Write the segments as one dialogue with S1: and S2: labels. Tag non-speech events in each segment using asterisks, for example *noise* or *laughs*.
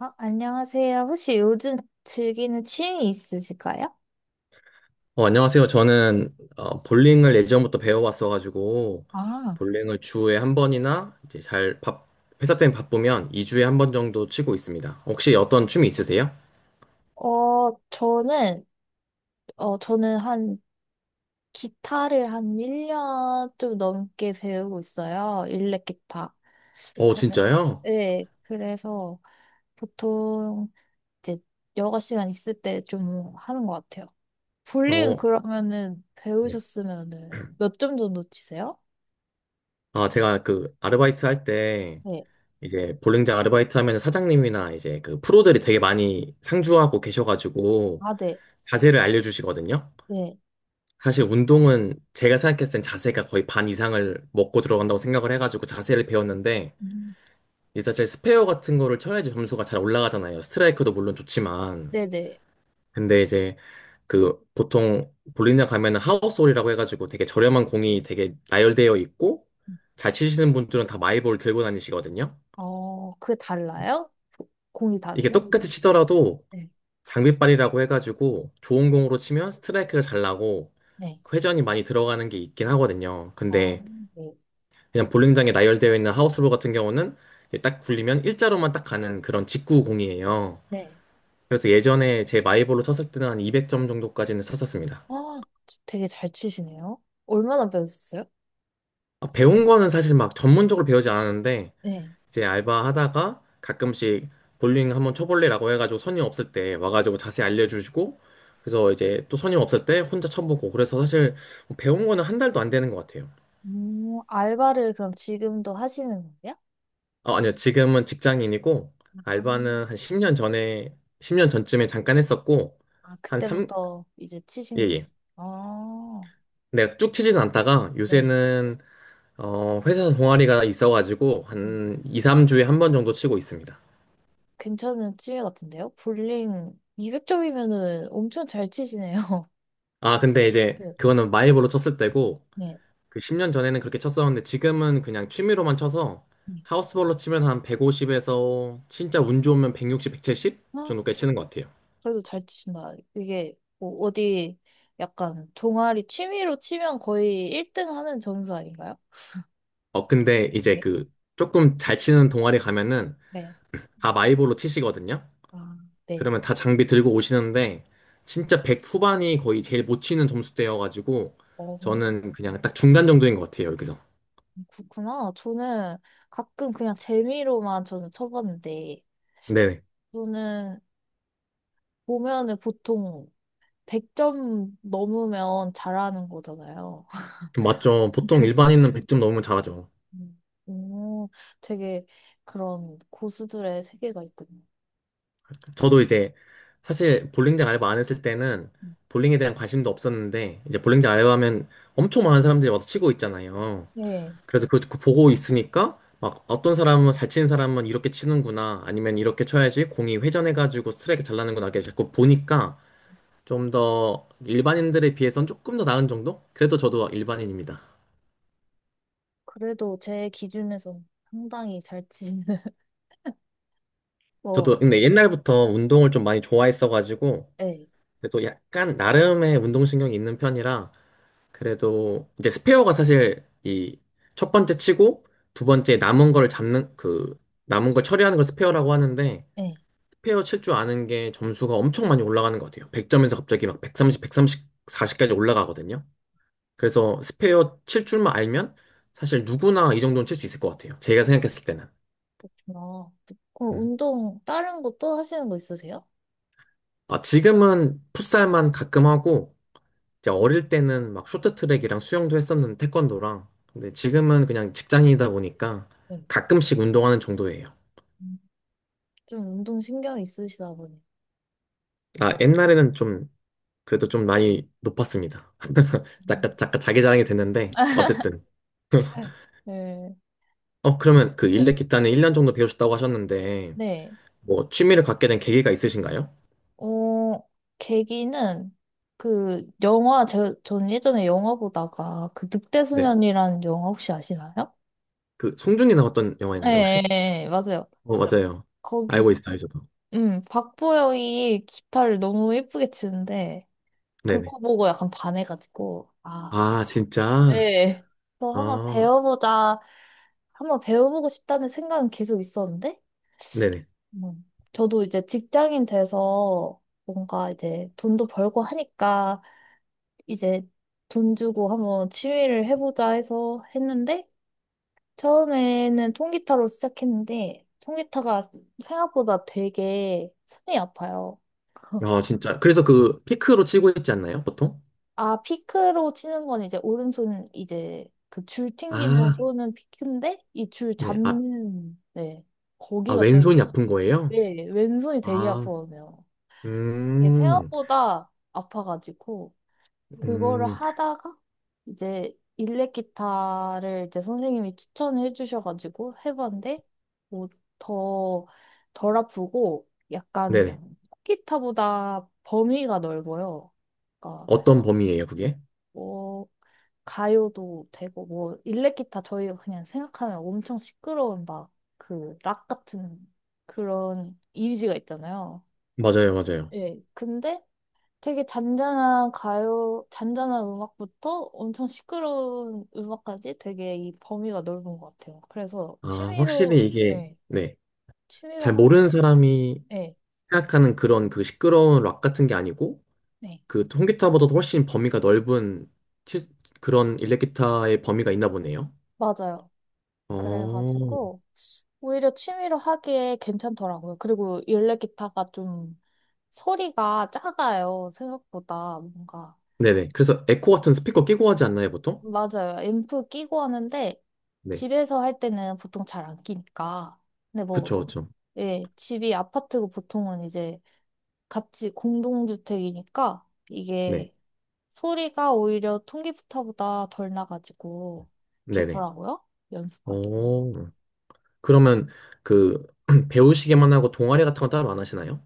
S1: 안녕하세요. 혹시 요즘 즐기는 취미 있으실까요?
S2: 안녕하세요. 저는 볼링을 예전부터 배워왔어가지고
S1: 아,
S2: 볼링을 주에 한 번이나 이제 회사 때문에 바쁘면 2주에 한 번 정도 치고 있습니다. 혹시 어떤 춤이 있으세요?
S1: 어, 저는, 어, 저는 한, 기타를 한 1년 좀 넘게 배우고 있어요. 일렉 기타.
S2: 어,
S1: 그래.
S2: 진짜요?
S1: 네, 그래서 보통 이제 여가 시간 있을 때 좀 하는 것 같아요. 볼링
S2: 어,
S1: 그러면은
S2: 네.
S1: 배우셨으면은 몇 점 정도 치세요?
S2: 아, 제가 그 아르바이트 할 때
S1: 네.
S2: 이제 볼링장 아르바이트 하면 사장님이나 이제 그 프로들이 되게 많이 상주하고 계셔가지고
S1: 아, 네.
S2: 자세를 알려주시거든요.
S1: 네.
S2: 사실 운동은 제가 생각했을 땐 자세가 거의 반 이상을 먹고 들어간다고 생각을 해가지고 자세를 배웠는데
S1: 음.
S2: 이제 사실 스페어 같은 거를 쳐야지 점수가 잘 올라가잖아요. 스트라이크도 물론 좋지만.
S1: 네네.
S2: 근데 이제 그 보통 볼링장 가면은 하우스홀이라고 해가지고 되게 저렴한 공이 되게 나열되어 있고 잘 치시는 분들은 다 마이볼 들고 다니시거든요.
S1: 그게 달라요? 공이
S2: 이게
S1: 다르면?
S2: 똑같이 치더라도
S1: 네.
S2: 장비빨이라고 해가지고 좋은 공으로 치면 스트라이크가 잘 나고
S1: 네.
S2: 회전이 많이 들어가는 게 있긴 하거든요.
S1: 아,
S2: 근데
S1: 네.
S2: 그냥 볼링장에 나열되어 있는 하우스홀 같은 경우는 이제 딱 굴리면 일자로만 딱 가는 그런 직구 공이에요.
S1: 네.
S2: 그래서 예전에 제 마이볼로 쳤을 때는 한 200점 정도까지는 쳤었습니다.
S1: 아, 되게 잘 치시네요. 얼마나 배우셨어요?
S2: 아, 배운 거는 사실 막 전문적으로 배우지 않았는데
S1: 네.
S2: 이제 알바하다가 가끔씩 볼링 한번 쳐볼래라고 해가지고 손님 없을 때 와가지고 자세히 알려주시고 그래서 이제 또 손님 없을 때 혼자 쳐보고 그래서 사실 뭐 배운 거는 한 달도 안 되는 것 같아요.
S1: 알바를 그럼 지금도 하시는 거예요?
S2: 아, 아니요. 지금은 직장인이고
S1: 아,
S2: 알바는 한 10년 전에 10년 전쯤에 잠깐 했었고
S1: 아,
S2: 한 3,
S1: 그때부터 이제
S2: 예,
S1: 치신 거예요?
S2: 예.
S1: 아,
S2: 내가 쭉 치진 않다가
S1: 네.
S2: 요새는 회사 동아리가 있어가지고
S1: 음,
S2: 한 2, 3주에 한 번 정도 치고 있습니다.
S1: 괜찮은 취미 같은데요? 볼링 200점이면은 엄청 잘 치시네요. *laughs*
S2: 아, 근데 이제
S1: 네
S2: 그거는 마이볼로 쳤을 때고
S1: 네.
S2: 그 10년 전에는 그렇게 쳤었는데 지금은 그냥 취미로만 쳐서 하우스볼로 치면 한 150에서 진짜 운 좋으면 160, 170
S1: 네.
S2: 정도까지 치는 것 같아요.
S1: 그래도 잘 치신다. 이게 뭐 어디 약간 동아리 취미로 치면 거의 1등 하는 점수 아닌가요?
S2: 근데 이제
S1: 네.
S2: 그 조금 잘 치는 동아리 가면은
S1: 네.
S2: 다 마이볼로 치시거든요.
S1: 아, 네.
S2: 그러면 다 장비 들고 오시는데 진짜 100 후반이 거의 제일 못 치는 점수대여가지고
S1: 어,
S2: 저는 그냥 딱 중간 정도인 것 같아요, 여기서.
S1: 그렇구나. 저는 가끔 그냥 재미로만 저는 쳐봤는데,
S2: 네.
S1: 저는 보면은 보통 100점 넘으면 잘하는 거잖아요. *laughs*
S2: 맞죠. 보통
S1: 그래서,
S2: 일반인은 100점 넘으면 잘하죠.
S1: 오, 되게 그런 고수들의 세계가 있군요.
S2: 저도 이제 사실 볼링장 알바 안 했을 때는
S1: 음.
S2: 볼링에 대한 관심도 없었는데 이제 볼링장 알바하면 엄청 많은 사람들이 와서 치고 있잖아요.
S1: 네.
S2: 그래서 그거 그 보고 있으니까 막 어떤 사람은 잘 치는 사람은 이렇게 치는구나 아니면 이렇게 쳐야지 공이 회전해가지고 스트라이크 잘 나는구나 이렇게 자꾸 보니까 좀 더 일반인들에 비해선 조금 더 나은 정도? 그래도 저도 일반인입니다.
S1: 그래도 제 기준에서 상당히 잘 치시는, *laughs* 뭐,
S2: 저도 근데 옛날부터 운동을 좀 많이 좋아했어가지고
S1: 예,
S2: 그래도 약간 나름의 운동신경이 있는 편이라 그래도 이제 스페어가 사실 이 첫 번째 치고 두 번째 남은 거를 잡는 그 남은 걸 처리하는 걸 스페어라고 하는데
S1: 예.
S2: 스페어 칠 줄 아는 게 점수가 엄청 많이 올라가는 것 같아요. 100점에서 갑자기 막 130, 1 3 40까지 올라가거든요. 그래서 스페어 칠 줄만 알면 사실 누구나 이 정도는 칠 수 있을 것 같아요. 제가 생각했을 때는.
S1: 어, 그럼
S2: 음.
S1: 운동, 다른 거 또 하시는 거 있으세요?
S2: 아, 지금은 풋살만 가끔 하고 이제 어릴 때는 막 쇼트트랙이랑 수영도 했었는데 태권도랑 근데 지금은 그냥 직장인이다 보니까
S1: 네.
S2: 가끔씩 운동하는 정도예요.
S1: 음, 좀 운동 신경 있으시다 보니.
S2: 아, 옛날에는 좀 그래도 좀 많이 높았습니다.
S1: 음.
S2: 잠깐 잠깐 자기 자랑이 됐는데 어쨌든
S1: *laughs* 네.
S2: 그러면 그
S1: 네.
S2: 일렉 기타는 1년 정도 배우셨다고 하셨는데
S1: 네.
S2: 뭐 취미를 갖게 된 계기가 있으신가요?
S1: 어, 계기는 그 영화, 전 예전에 영화 보다가 그
S2: 네.
S1: 늑대소년이라는 영화 혹시 아시나요?
S2: 그 송중기 나왔던 영화인가요,
S1: 네,
S2: 혹시?
S1: 네, 맞아요.
S2: 어, 맞아요.
S1: 거기,
S2: 알고 있어요, 저도.
S1: 박보영이 기타를 너무 예쁘게 치는데,
S2: 네네.
S1: 그거 보고 약간 반해가지고, 아,
S2: 아, 진짜?
S1: 네. 또 한번
S2: 아,
S1: 배워보자. 한번 배워보고 싶다는 생각은 계속 있었는데,
S2: 네네.
S1: 음. 저도 이제 직장인 돼서 뭔가 이제 돈도 벌고 하니까 이제 돈 주고 한번 취미를 해보자 해서 했는데, 처음에는 통기타로 시작했는데, 통기타가 생각보다 되게 손이 아파요.
S2: 아, 진짜. 그래서 그 피크로 치고 있지 않나요, 보통?
S1: 아, 피크로 치는 건 이제 오른손 이제 그 줄 튕기는
S2: 아,
S1: 손은 피크인데 이 줄
S2: 네. 아,
S1: 잡는 네.
S2: 아,
S1: 거기가
S2: 왼손이
S1: 되게
S2: 아픈 거예요?
S1: 네, 왼손이 되게
S2: 아,
S1: 아프거든요. 이게
S2: 음,
S1: 생각보다 아파가지고 그거를
S2: 음,
S1: 하다가 이제 일렉 기타를 이제 선생님이 추천해 주셔가지고 해봤는데 뭐 더 덜 아프고 약간
S2: 네네.
S1: 기타보다 범위가 넓어요. 그러니까
S2: 어떤 범위예요, 그게?
S1: 어, 가요도 되고 뭐 일렉기타 저희가 그냥 생각하면 엄청 시끄러운 막 그 락 같은 그런 이미지가 있잖아요.
S2: 맞아요, 맞아요.
S1: 예. 근데 되게 잔잔한 가요, 잔잔한 음악부터 엄청 시끄러운 음악까지 되게 이 범위가 넓은 것 같아요. 그래서
S2: 아,
S1: 취미로,
S2: 확실히 이게,
S1: 네,
S2: 네.
S1: 취미로
S2: 잘
S1: 하,
S2: 모르는 사람이
S1: 네,
S2: 생각하는 그런 그 시끄러운 락 같은 게 아니고,
S1: 네,
S2: 그 통기타보다도 훨씬 범위가 넓은 치- 그런 일렉기타의 범위가 있나 보네요.
S1: 맞아요.
S2: 어,
S1: 그래가지고 오히려 취미로 하기에 괜찮더라고요. 그리고 일렉 기타가 좀 소리가 작아요, 생각보다. 뭔가.
S2: 네네. 그래서 에코 같은 스피커 끼고 하지 않나요, 보통?
S1: 맞아요. 앰프 끼고 하는데,
S2: 네.
S1: 집에서 할 때는 보통 잘 안 끼니까. 근데 뭐,
S2: 그쵸, 그쵸.
S1: 예, 집이 아파트고 보통은 이제 같이 공동주택이니까,
S2: 네.
S1: 이게 소리가 오히려 통기타보다 덜 나가지고
S2: 네네.
S1: 좋더라고요, 연습하기.
S2: 어, 그러면 그 *clears throat* 배우시기만 하고 동아리 같은 건 따로 안 하시나요?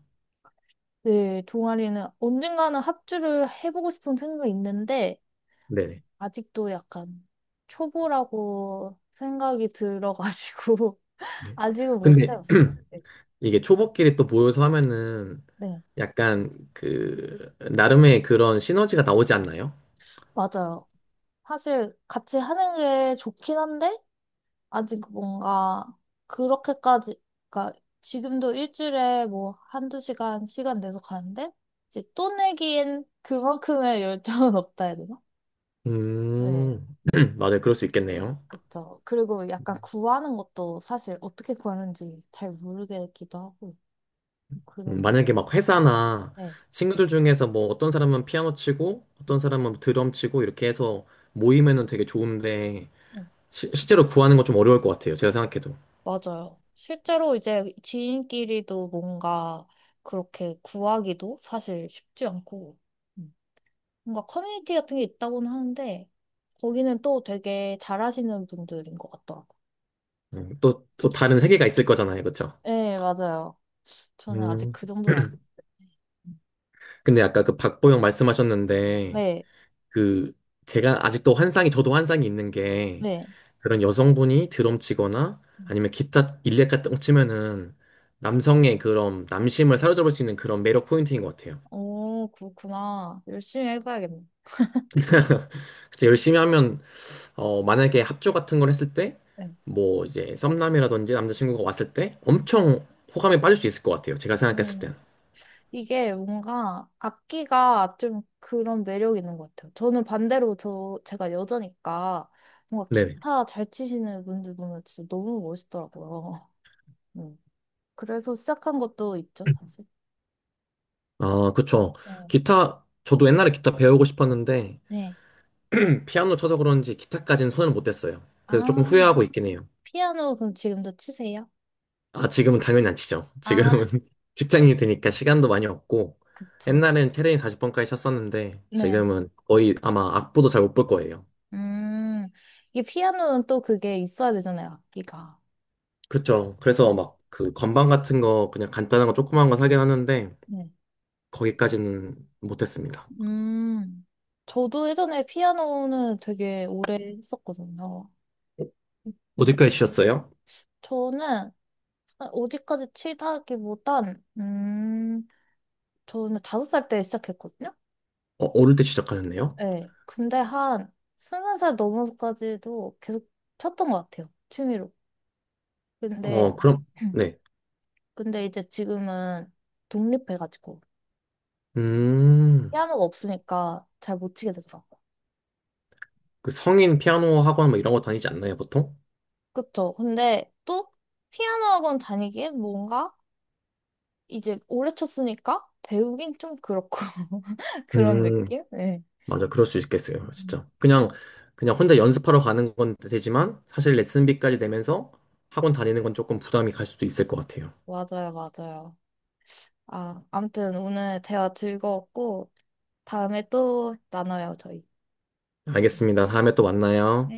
S1: 네, 동아리는 언젠가는 합주를 해보고 싶은 생각이 있는데,
S2: 네네.
S1: 아직도 약간 초보라고 생각이 들어가지고 *laughs*
S2: 네.
S1: 아직은 못
S2: 근데
S1: 해봤어.
S2: *clears throat*
S1: 네.
S2: 이게 초보끼리 또 모여서 하면은
S1: 네,
S2: 약간 그 나름의 그런 시너지가 나오지 않나요?
S1: 맞아요. 사실 같이 하는 게 좋긴 한데 아직 뭔가 그렇게까지 그러니까 지금도 일주일에 뭐 한두 시간 내서 가는데 이제 또 내기엔 그만큼의 열정은 *laughs* 없다 해야 되나? 네.
S2: 음, *clears throat* 맞아요. 그럴 수 있겠네요.
S1: 그쵸. 그리고 약간 구하는 것도 사실 어떻게 구하는지 잘 모르겠기도 하고 뭐 그런 거.
S2: 만약에 막 회사나
S1: 네.
S2: 친구들 중에서 뭐 어떤 사람은 피아노 치고
S1: 음.
S2: 어떤 사람은 드럼 치고 이렇게 해서 모이면은 되게 좋은데
S1: 네.
S2: 실제로 구하는 건 좀 어려울 것 같아요. 제가 생각해도.
S1: 맞아요. 실제로 이제 지인끼리도 뭔가 그렇게 구하기도 사실 쉽지 않고, 음, 뭔가 커뮤니티 같은 게 있다고는 하는데, 거기는 또 되게 잘하시는 분들인 것 같더라고요.
S2: 또, 또 다른 세계가 있을 거잖아요. 그쵸?
S1: 네, 맞아요. 저는 아직
S2: 음.
S1: 그 정도는 아닌데.
S2: 근데 아까 그 박보영 말씀하셨는데
S1: 네,
S2: 그 제가 아직도 환상이 저도 환상이 있는 게
S1: 네.
S2: 그런 여성분이 드럼 치거나 아니면 기타 일렉 같은 거 치면은 남성의 그런 남심을 사로잡을 수 있는 그런 매력 포인트인 것 같아요.
S1: 오, 그렇구나. 열심히 해봐야겠네.
S2: *laughs* 진짜 열심히 하면 만약에 합주 같은 걸 했을 때
S1: 네.
S2: 뭐 이제 썸남이라든지 남자친구가 왔을 때 엄청 호감에 빠질 수 있을 것 같아요. 제가 생각했을
S1: 음.
S2: 땐.
S1: 이게 뭔가 악기가 좀 그런 매력이 있는 것 같아요. 저는 반대로 제가 여자니까 뭔가
S2: 네네.
S1: 기타 잘 치시는 분들 보면 진짜 너무 멋있더라고요. *laughs* 음. 그래서 시작한 것도 있죠, 사실.
S2: 아, 그쵸.
S1: 네.
S2: 기타 저도 옛날에 기타 배우고 싶었는데
S1: 네.
S2: 피아노 쳐서 그런지 기타까지는 손을 못 댔어요. 그래서 조금
S1: 아,
S2: 후회하고 있긴 해요.
S1: 피아노 그럼 지금도 치세요?
S2: 아, 지금은 당연히 안 치죠. 지금은
S1: 아,
S2: *laughs* 직장인이 되니까 시간도 많이 없고,
S1: 그쵸.
S2: 옛날엔 테레인 40번까지 쳤었는데,
S1: 네.
S2: 지금은 거의 아마 악보도 잘 못 볼 거예요.
S1: 음, 이게 피아노는 또 그게 있어야 되잖아요, 악기가.
S2: 그쵸. 그래서
S1: 네.
S2: 막 그 건반 같은 거, 그냥 간단한 거 조그만 거 사긴 하는데,
S1: 네.
S2: 거기까지는 못했습니다.
S1: 음, 저도 예전에 피아노는 되게 오래 했었거든요. 근데
S2: 어디까지 치셨어요?
S1: 저는 어디까지 치다기보단, 저는 5살 때 시작했거든요?
S2: 어, 어릴 때 시작하셨네요?
S1: 네. 근데 한 20살 넘어서까지도 계속 쳤던 것 같아요. 취미로. 근데,
S2: 어, 그럼,
S1: *clears throat*
S2: 네.
S1: 근데 이제 지금은 독립해가지고,
S2: 음,
S1: 피아노가 없으니까 잘 못 치게 되더라고요.
S2: 그 성인 피아노 학원 뭐 이런 거 다니지 않나요, 보통?
S1: 그쵸. 근데 또 피아노 학원 다니기엔 뭔가 이제 오래 쳤으니까 배우긴 좀 그렇고, *laughs* 그런
S2: 음,
S1: 느낌? 네.
S2: 맞아, 그럴 수 있겠어요, 진짜. 그냥 혼자 연습하러 가는 건 되지만, 사실 레슨비까지 내면서 학원 다니는 건 조금 부담이 갈 수도 있을 것 같아요.
S1: 맞아요, 맞아요. 아, 아무튼 오늘 대화 즐거웠고, 다음에 또 나눠요, 저희.
S2: 알겠습니다. 다음에 또 만나요.